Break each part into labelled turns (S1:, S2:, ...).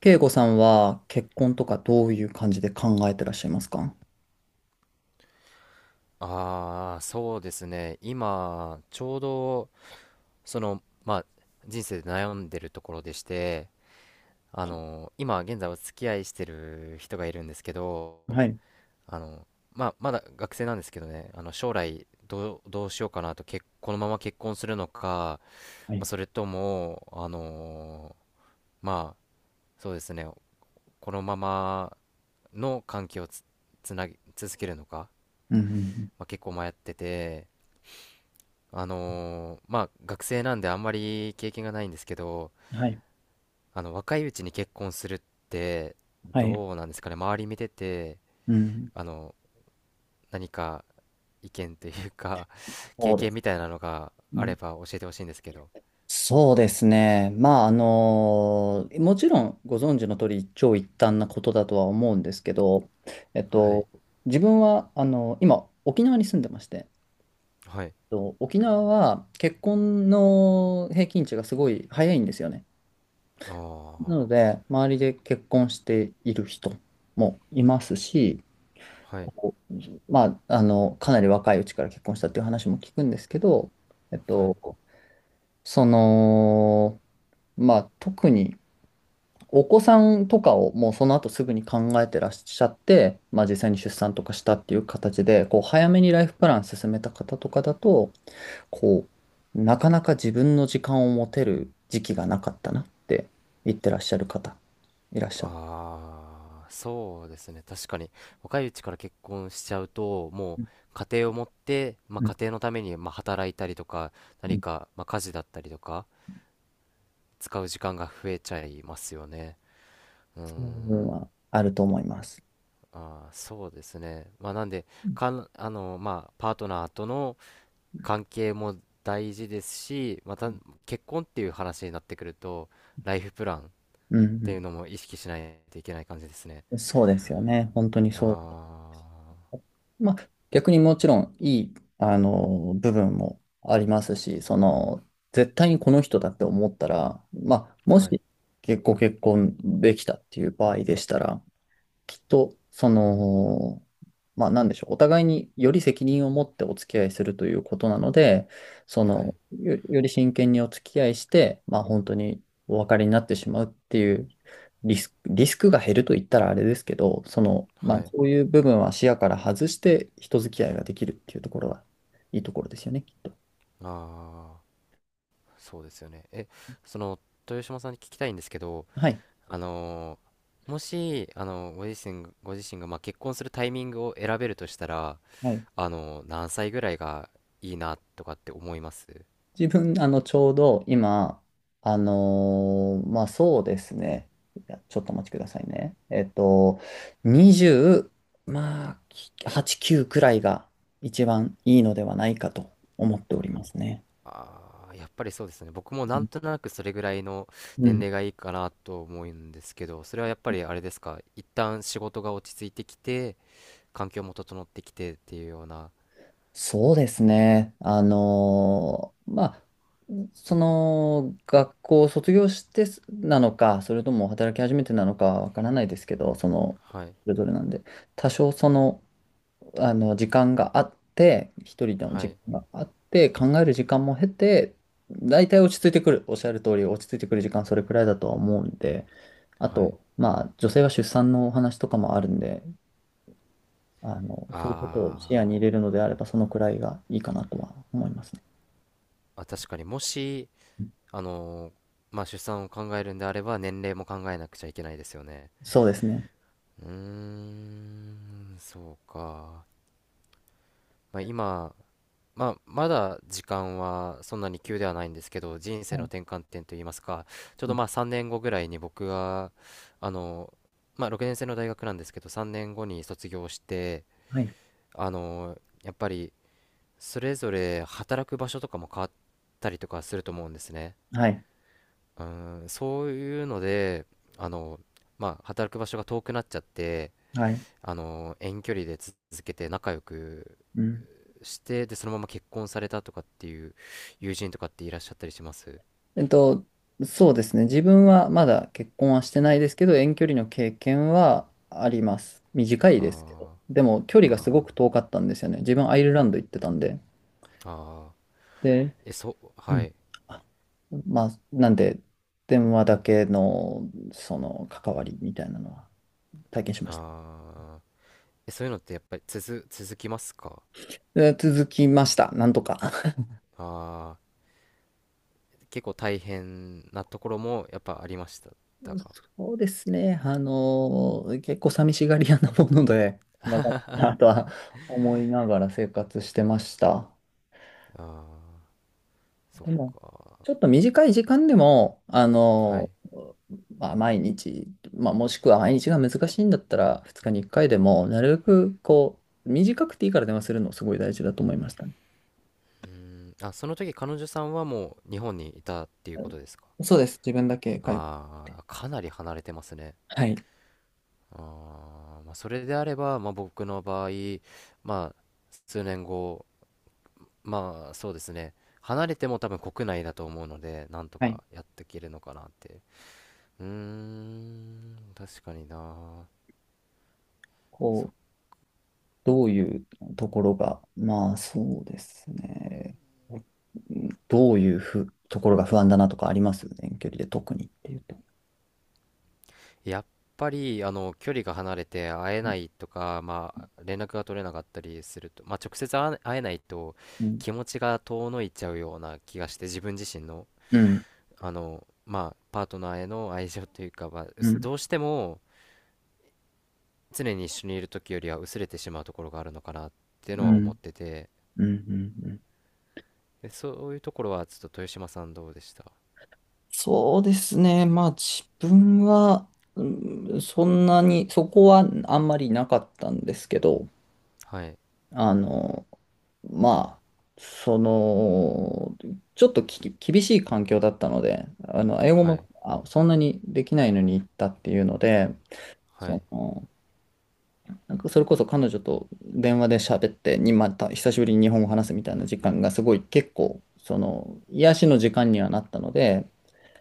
S1: 慶吾さんは結婚とかどういう感じで考えてらっしゃいますか？
S2: ああ、そうですね。今、ちょうど、まあ、人生で悩んでるところでして、今、現在お付き合いしてる人がいるんですけど、
S1: はい、
S2: あの、まあ、まだ学生なんですけどね、将来、どうしようかなと、このまま結婚するのか、
S1: は
S2: まあ、
S1: い、
S2: それとも、まあ、そうですね、このままの関係をつなぎ、続けるのか、
S1: うんうん
S2: まあ、結構迷ってて、まあ学生なんであんまり経験がないんですけど、
S1: うん、はい、
S2: 若いうちに結婚するって
S1: はい、
S2: どうなんですかね、周り見てて、
S1: うん、
S2: あの何か意見というか 経
S1: そうで
S2: 験
S1: す。
S2: みたいなのが
S1: う
S2: あ
S1: ん、
S2: れば教えてほしいんですけど。
S1: そうですね。まあ、もちろんご存知の通り一長一短なことだとは思うんですけど、えっ
S2: は
S1: と、
S2: い、
S1: 自分は、今、沖縄に住んでまして、
S2: はい、
S1: 沖縄は結婚の平均値がすごい早いんですよね。
S2: あ
S1: な
S2: あ、
S1: ので、周りで結婚している人もいますし、
S2: はい、
S1: まあ、かなり若いうちから結婚したっていう話も聞くんですけど、えっ
S2: はい。
S1: と、その、まあ、特にお子さんとかをもうその後すぐに考えてらっしゃって、まあ、実際に出産とかしたっていう形で、早めにライフプラン進めた方とかだと、こなかなか自分の時間を持てる時期がなかったなって言ってらっしゃる方、いらっしゃる。
S2: ああ、そうですね。確かに若いうちから結婚しちゃうと、も
S1: うん
S2: う家庭を持って、まあ、
S1: うん
S2: 家庭のためにまあ働いたりとか、
S1: う
S2: 何
S1: ん。
S2: かまあ家事だったりとか。使う時間が増えちゃいますよね。うー
S1: その部分
S2: ん、
S1: はあると思います。
S2: あーそうですね。まあ、なんで、
S1: うん
S2: まあ、パートナーとの関係も大事ですし、ま
S1: う
S2: た
S1: ん。
S2: 結婚っていう話になってくると、ライフプランっ
S1: うんう
S2: ていうの
S1: ん、
S2: も意識しないといけない感じですね。
S1: そうですよね。本当に
S2: あ
S1: そう。まあ、逆にもちろんいい、部分もありますし、絶対にこの人だって思ったら、まあ、も
S2: あ、はい、
S1: し、結構結婚できたっていう場合でしたら、きっと、まあ、なんでしょう、お互いにより責任を持ってお付き合いするということなので、
S2: はい、
S1: より真剣にお付き合いして、まあ、本当にお別れになってしまうっていうリスクが減ると言ったらあれですけど、まあ、
S2: はい。
S1: そういう部分は視野から外して人付き合いができるっていうところがいいところですよね、きっと。
S2: ああ、そうですよね。その、豊島さんに聞きたいんですけど、
S1: はい。
S2: あのーもし、ご自身が、まあ、結婚するタイミングを選べるとしたら、
S1: はい、
S2: 何歳ぐらいがいいなとかって思います？
S1: 自分、ちょうど今、まあ、そうですね。いやちょっとお待ちくださいね。20、まあ、8、9くらいが一番いいのではないかと思っておりますね。
S2: あーやっぱりそうですね。僕もなんとなくそれぐらいの
S1: う
S2: 年
S1: ん。
S2: 齢がいいかなと思うんですけど、それはやっぱりあれですか、一旦仕事が落ち着いてきて、環境も整ってきてっていうような、
S1: そうですね。まあ、学校を卒業してすなのか、それとも働き始めてなのかわからないですけど、
S2: はい、
S1: それぞれなんで、多少時間があって、一人の
S2: は
S1: 時
S2: い、
S1: 間があって、考える時間も経て、大体落ち着いてくる。おっしゃる通り、落ち着いてくる時間それくらいだとは思うんで、あ
S2: はい。
S1: と、まあ、女性は出産のお話とかもあるんで、そういうことを視野
S2: あ
S1: に入れるのであれば、そのくらいがいいかなとは思いますね。
S2: ーあ、確かにもし、あのーまあ出産を考えるんであれば年齢も考えなくちゃいけないですよね。
S1: そうですね。
S2: うーん、そうか。まあ今、まあまだ時間はそんなに急ではないんですけど、人
S1: は
S2: 生の
S1: い。
S2: 転換点といいますか、ちょう
S1: う
S2: ど
S1: ん、
S2: まあ3年後ぐらいに僕が、あの、まあ6年生の大学なんですけど、3年後に卒業して、
S1: はい。
S2: あの、やっぱりそれぞれ働く場所とかも変わったりとかすると思うんですね。
S1: はい。
S2: うん、そういうので、あの、まあ、働く場所が遠くなっちゃって、
S1: はい。
S2: 遠距離で続けて仲良く
S1: うん。
S2: して、で、そのまま結婚されたとかっていう友人とかっていらっしゃったりします？
S1: えっと、そうですね。自分はまだ結婚はしてないですけど、遠距離の経験はあります。短いですけど。
S2: あ
S1: でも、距
S2: ー
S1: 離がすご
S2: あ
S1: く遠かったんですよね。自分、アイルランド行ってたんで。
S2: ー、あー
S1: で、う
S2: は
S1: ん
S2: い、
S1: あまあ、なんで、電話だけの、関わりみたいなのは体験しました。
S2: あーそういうのってやっぱり続きますか？
S1: で続きました。なんとか。
S2: あー結構大変なところもやっぱありましたか？
S1: そうですね。結構寂しがり屋なもので、まあ、だなとは思いながら生活してました。
S2: あーそっ
S1: でも、
S2: か、
S1: ちょっと短い時間でも、
S2: はい。
S1: まあ、毎日、まあ、もしくは毎日が難しいんだったら、2日に1回でも、なるべく、短くていいから電話するのすごい大事だと思いましたね。
S2: うーん、あ、その時彼女さんはもう日本にいたっていう
S1: う
S2: こ
S1: ん、
S2: とですか。
S1: そうです。自分だけ介護し
S2: あ
S1: て。
S2: あー、かなり離れてますね。
S1: はい。
S2: あーまあ、それであれば、まあ、僕の場合、まあ、数年後、まあ、そうですね。離れても多分国内だと思うので、なんと
S1: はい。
S2: かやっていけるのかなって。うーん、確かにな。
S1: こう、どういうところが、まあ、そうですね。うん、どういうところが不安だなとかあります、遠距離で特にっていうと？
S2: やっぱりあの距離が離れて会えないとか、まあ、連絡が取れなかったりすると、まあ、直接会えないと
S1: うん。
S2: 気持ちが遠のいちゃうような気がして自分自身の、
S1: うん。
S2: まあ、パートナーへの愛情というか、まあ、
S1: うん。
S2: どうしても常に一緒にいる時よりは薄れてしまうところがあるのかなっていう
S1: う
S2: のは思
S1: ん。
S2: ってて、
S1: うん。うん。うん。うん。
S2: でそういうところはちょっと豊島さんどうでした？
S1: そうですね。まあ自分は、うん、そんなに、そこはあんまりなかったんですけど、
S2: はい
S1: あの、まあ、その、ちょっと厳しい環境だったので、英語
S2: はい
S1: もそんなにできないのに行ったっていうので、
S2: はい、
S1: その、なんかそれこそ彼女と電話で喋って、にまた久しぶりに日本語を話すみたいな時間がすごい結構、癒しの時間にはなったので、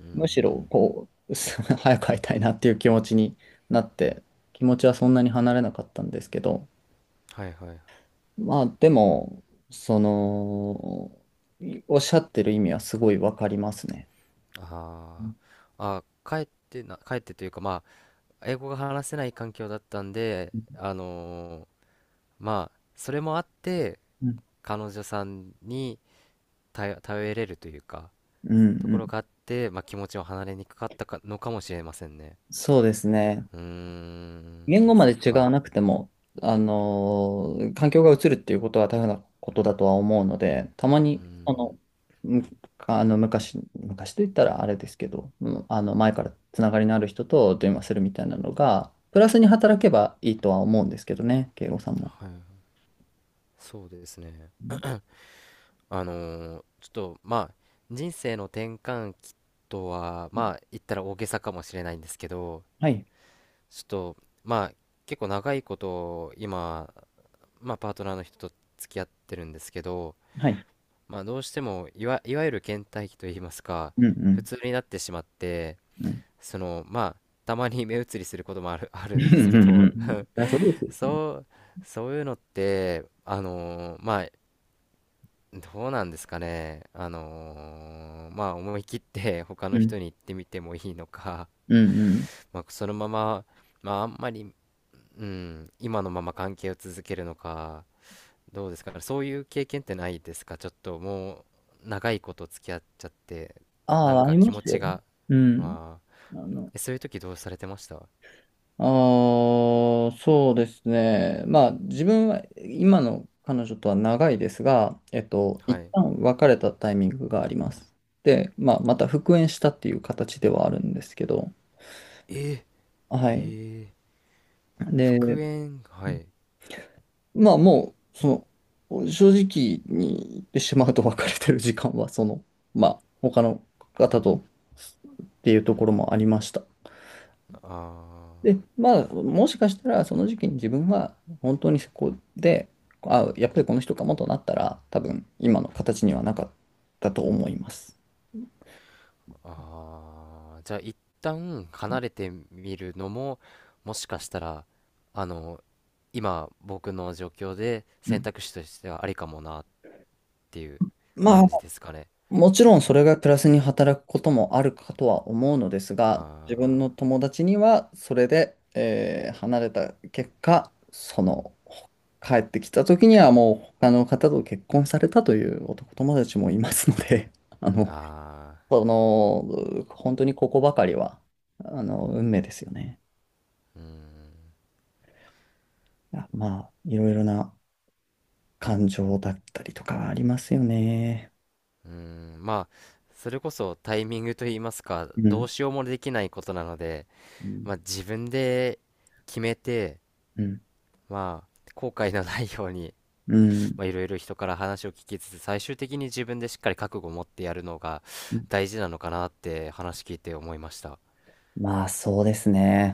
S2: う
S1: むし
S2: ん
S1: ろ、早く会いたいなっていう気持ちになって、気持ちはそんなに離れなかったんですけど、
S2: はいはい、
S1: まあ、でも、その、おっしゃってる意味はすごいわかりますね。う
S2: あ
S1: ん
S2: ーあー、帰ってというかまあ英語が話せない環境だったんで、まあ、それもあって、
S1: う
S2: 彼女さんに頼れるというか、
S1: ん
S2: と
S1: う
S2: こ
S1: ん、
S2: ろがあって、まあ、気持ちを離れにくかったかのかもしれませんね。
S1: そうですね。
S2: うーん、
S1: 言
S2: ま
S1: 語
S2: あ、
S1: ま
S2: そ
S1: で
S2: っ
S1: 違
S2: か。
S1: わなくても、環境が移るっていうことは大変なことだとは思うので、たま
S2: うー
S1: に、あ
S2: ん、
S1: の、むあの昔、昔と言ったらあれですけど、うん、あの前からつながりのある人と電話するみたいなのが、プラスに働けばいいとは思うんですけどね、慶吾さんも。
S2: はい、そうですね。
S1: うん、
S2: あのちょっと、まあ、人生の転換期とは、まあ、言ったら大げさかもしれないんですけど、
S1: はい、
S2: ちょっと、まあ、結構長いこと今まあ、パートナーの人と付き合ってるんですけど、
S1: はい。
S2: まあ、どうしてもいわゆる倦怠期といいますか、
S1: うんう
S2: 普
S1: ん
S2: 通になってしまって、
S1: うん。
S2: まあたまに目移りすることもある、あ
S1: う
S2: る
S1: んう
S2: んですけ
S1: んう
S2: ど、
S1: ん。いやそうですよ。
S2: そう、そういうのってまあどうなんですかね、まあ思い切って 他
S1: う
S2: の
S1: ん
S2: 人に言ってみてもいいのか、
S1: うんうん。
S2: まあ、そのまま、まあ、あんまり、うん、今のまま関係を続けるのか、どうですか？そういう経験ってないですか？ちょっともう長いこと付き合っちゃってな
S1: あ
S2: ん
S1: あ、あ
S2: か
S1: り
S2: 気
S1: ま
S2: 持
S1: すよ。
S2: ちが、
S1: うん。
S2: あー
S1: あの
S2: そういう時どうされてました？
S1: ああ、そうですね。まあ、自分は今の彼女とは長いですが、
S2: は
S1: 一
S2: い、
S1: 旦別れたタイミングがあります。で、まあ、また復縁したっていう形ではあるんですけど、
S2: え
S1: は
S2: え
S1: い。
S2: ー、
S1: で、
S2: 復縁はい、
S1: まあ、もう、正直に言ってしまうと別れてる時間は、まあ、他の方とっていうところもありました。
S2: あー
S1: で、まあ、もしかしたら、その時期に自分は、本当にそこで、あ、やっぱりこの人かもとなったら、多分、今の形にはなかったと思います。
S2: あー、じゃあ一旦離れてみるのももしかしたらあの今僕の状況で
S1: う
S2: 選
S1: ん。
S2: 択肢としてはありかもなっていう
S1: まあ、
S2: 感じですかね？
S1: もちろんそれがプラスに働くこともあるかとは思うのですが、自分の
S2: あ
S1: 友達には、それで、離れた結果、帰ってきた時にはもう他の方と結婚されたという男友達もいますので、あ
S2: ー
S1: の、
S2: あー、
S1: 本当にここばかりは、運命ですよね。まあ、いろいろな感情だったりとかありますよね。
S2: うーん、まあ、それこそタイミングといいますか、
S1: う
S2: ど
S1: ん。
S2: うしようもできないことなので、
S1: うん。
S2: まあ自分で決めて、
S1: うん。
S2: まあ、後悔のないように、まあいろいろ人から話を聞きつつ、最終的に自分でしっかり覚悟を持ってやるのが
S1: うん、
S2: 大事なのかなって話聞いて思いました。
S1: まあ、そうですね。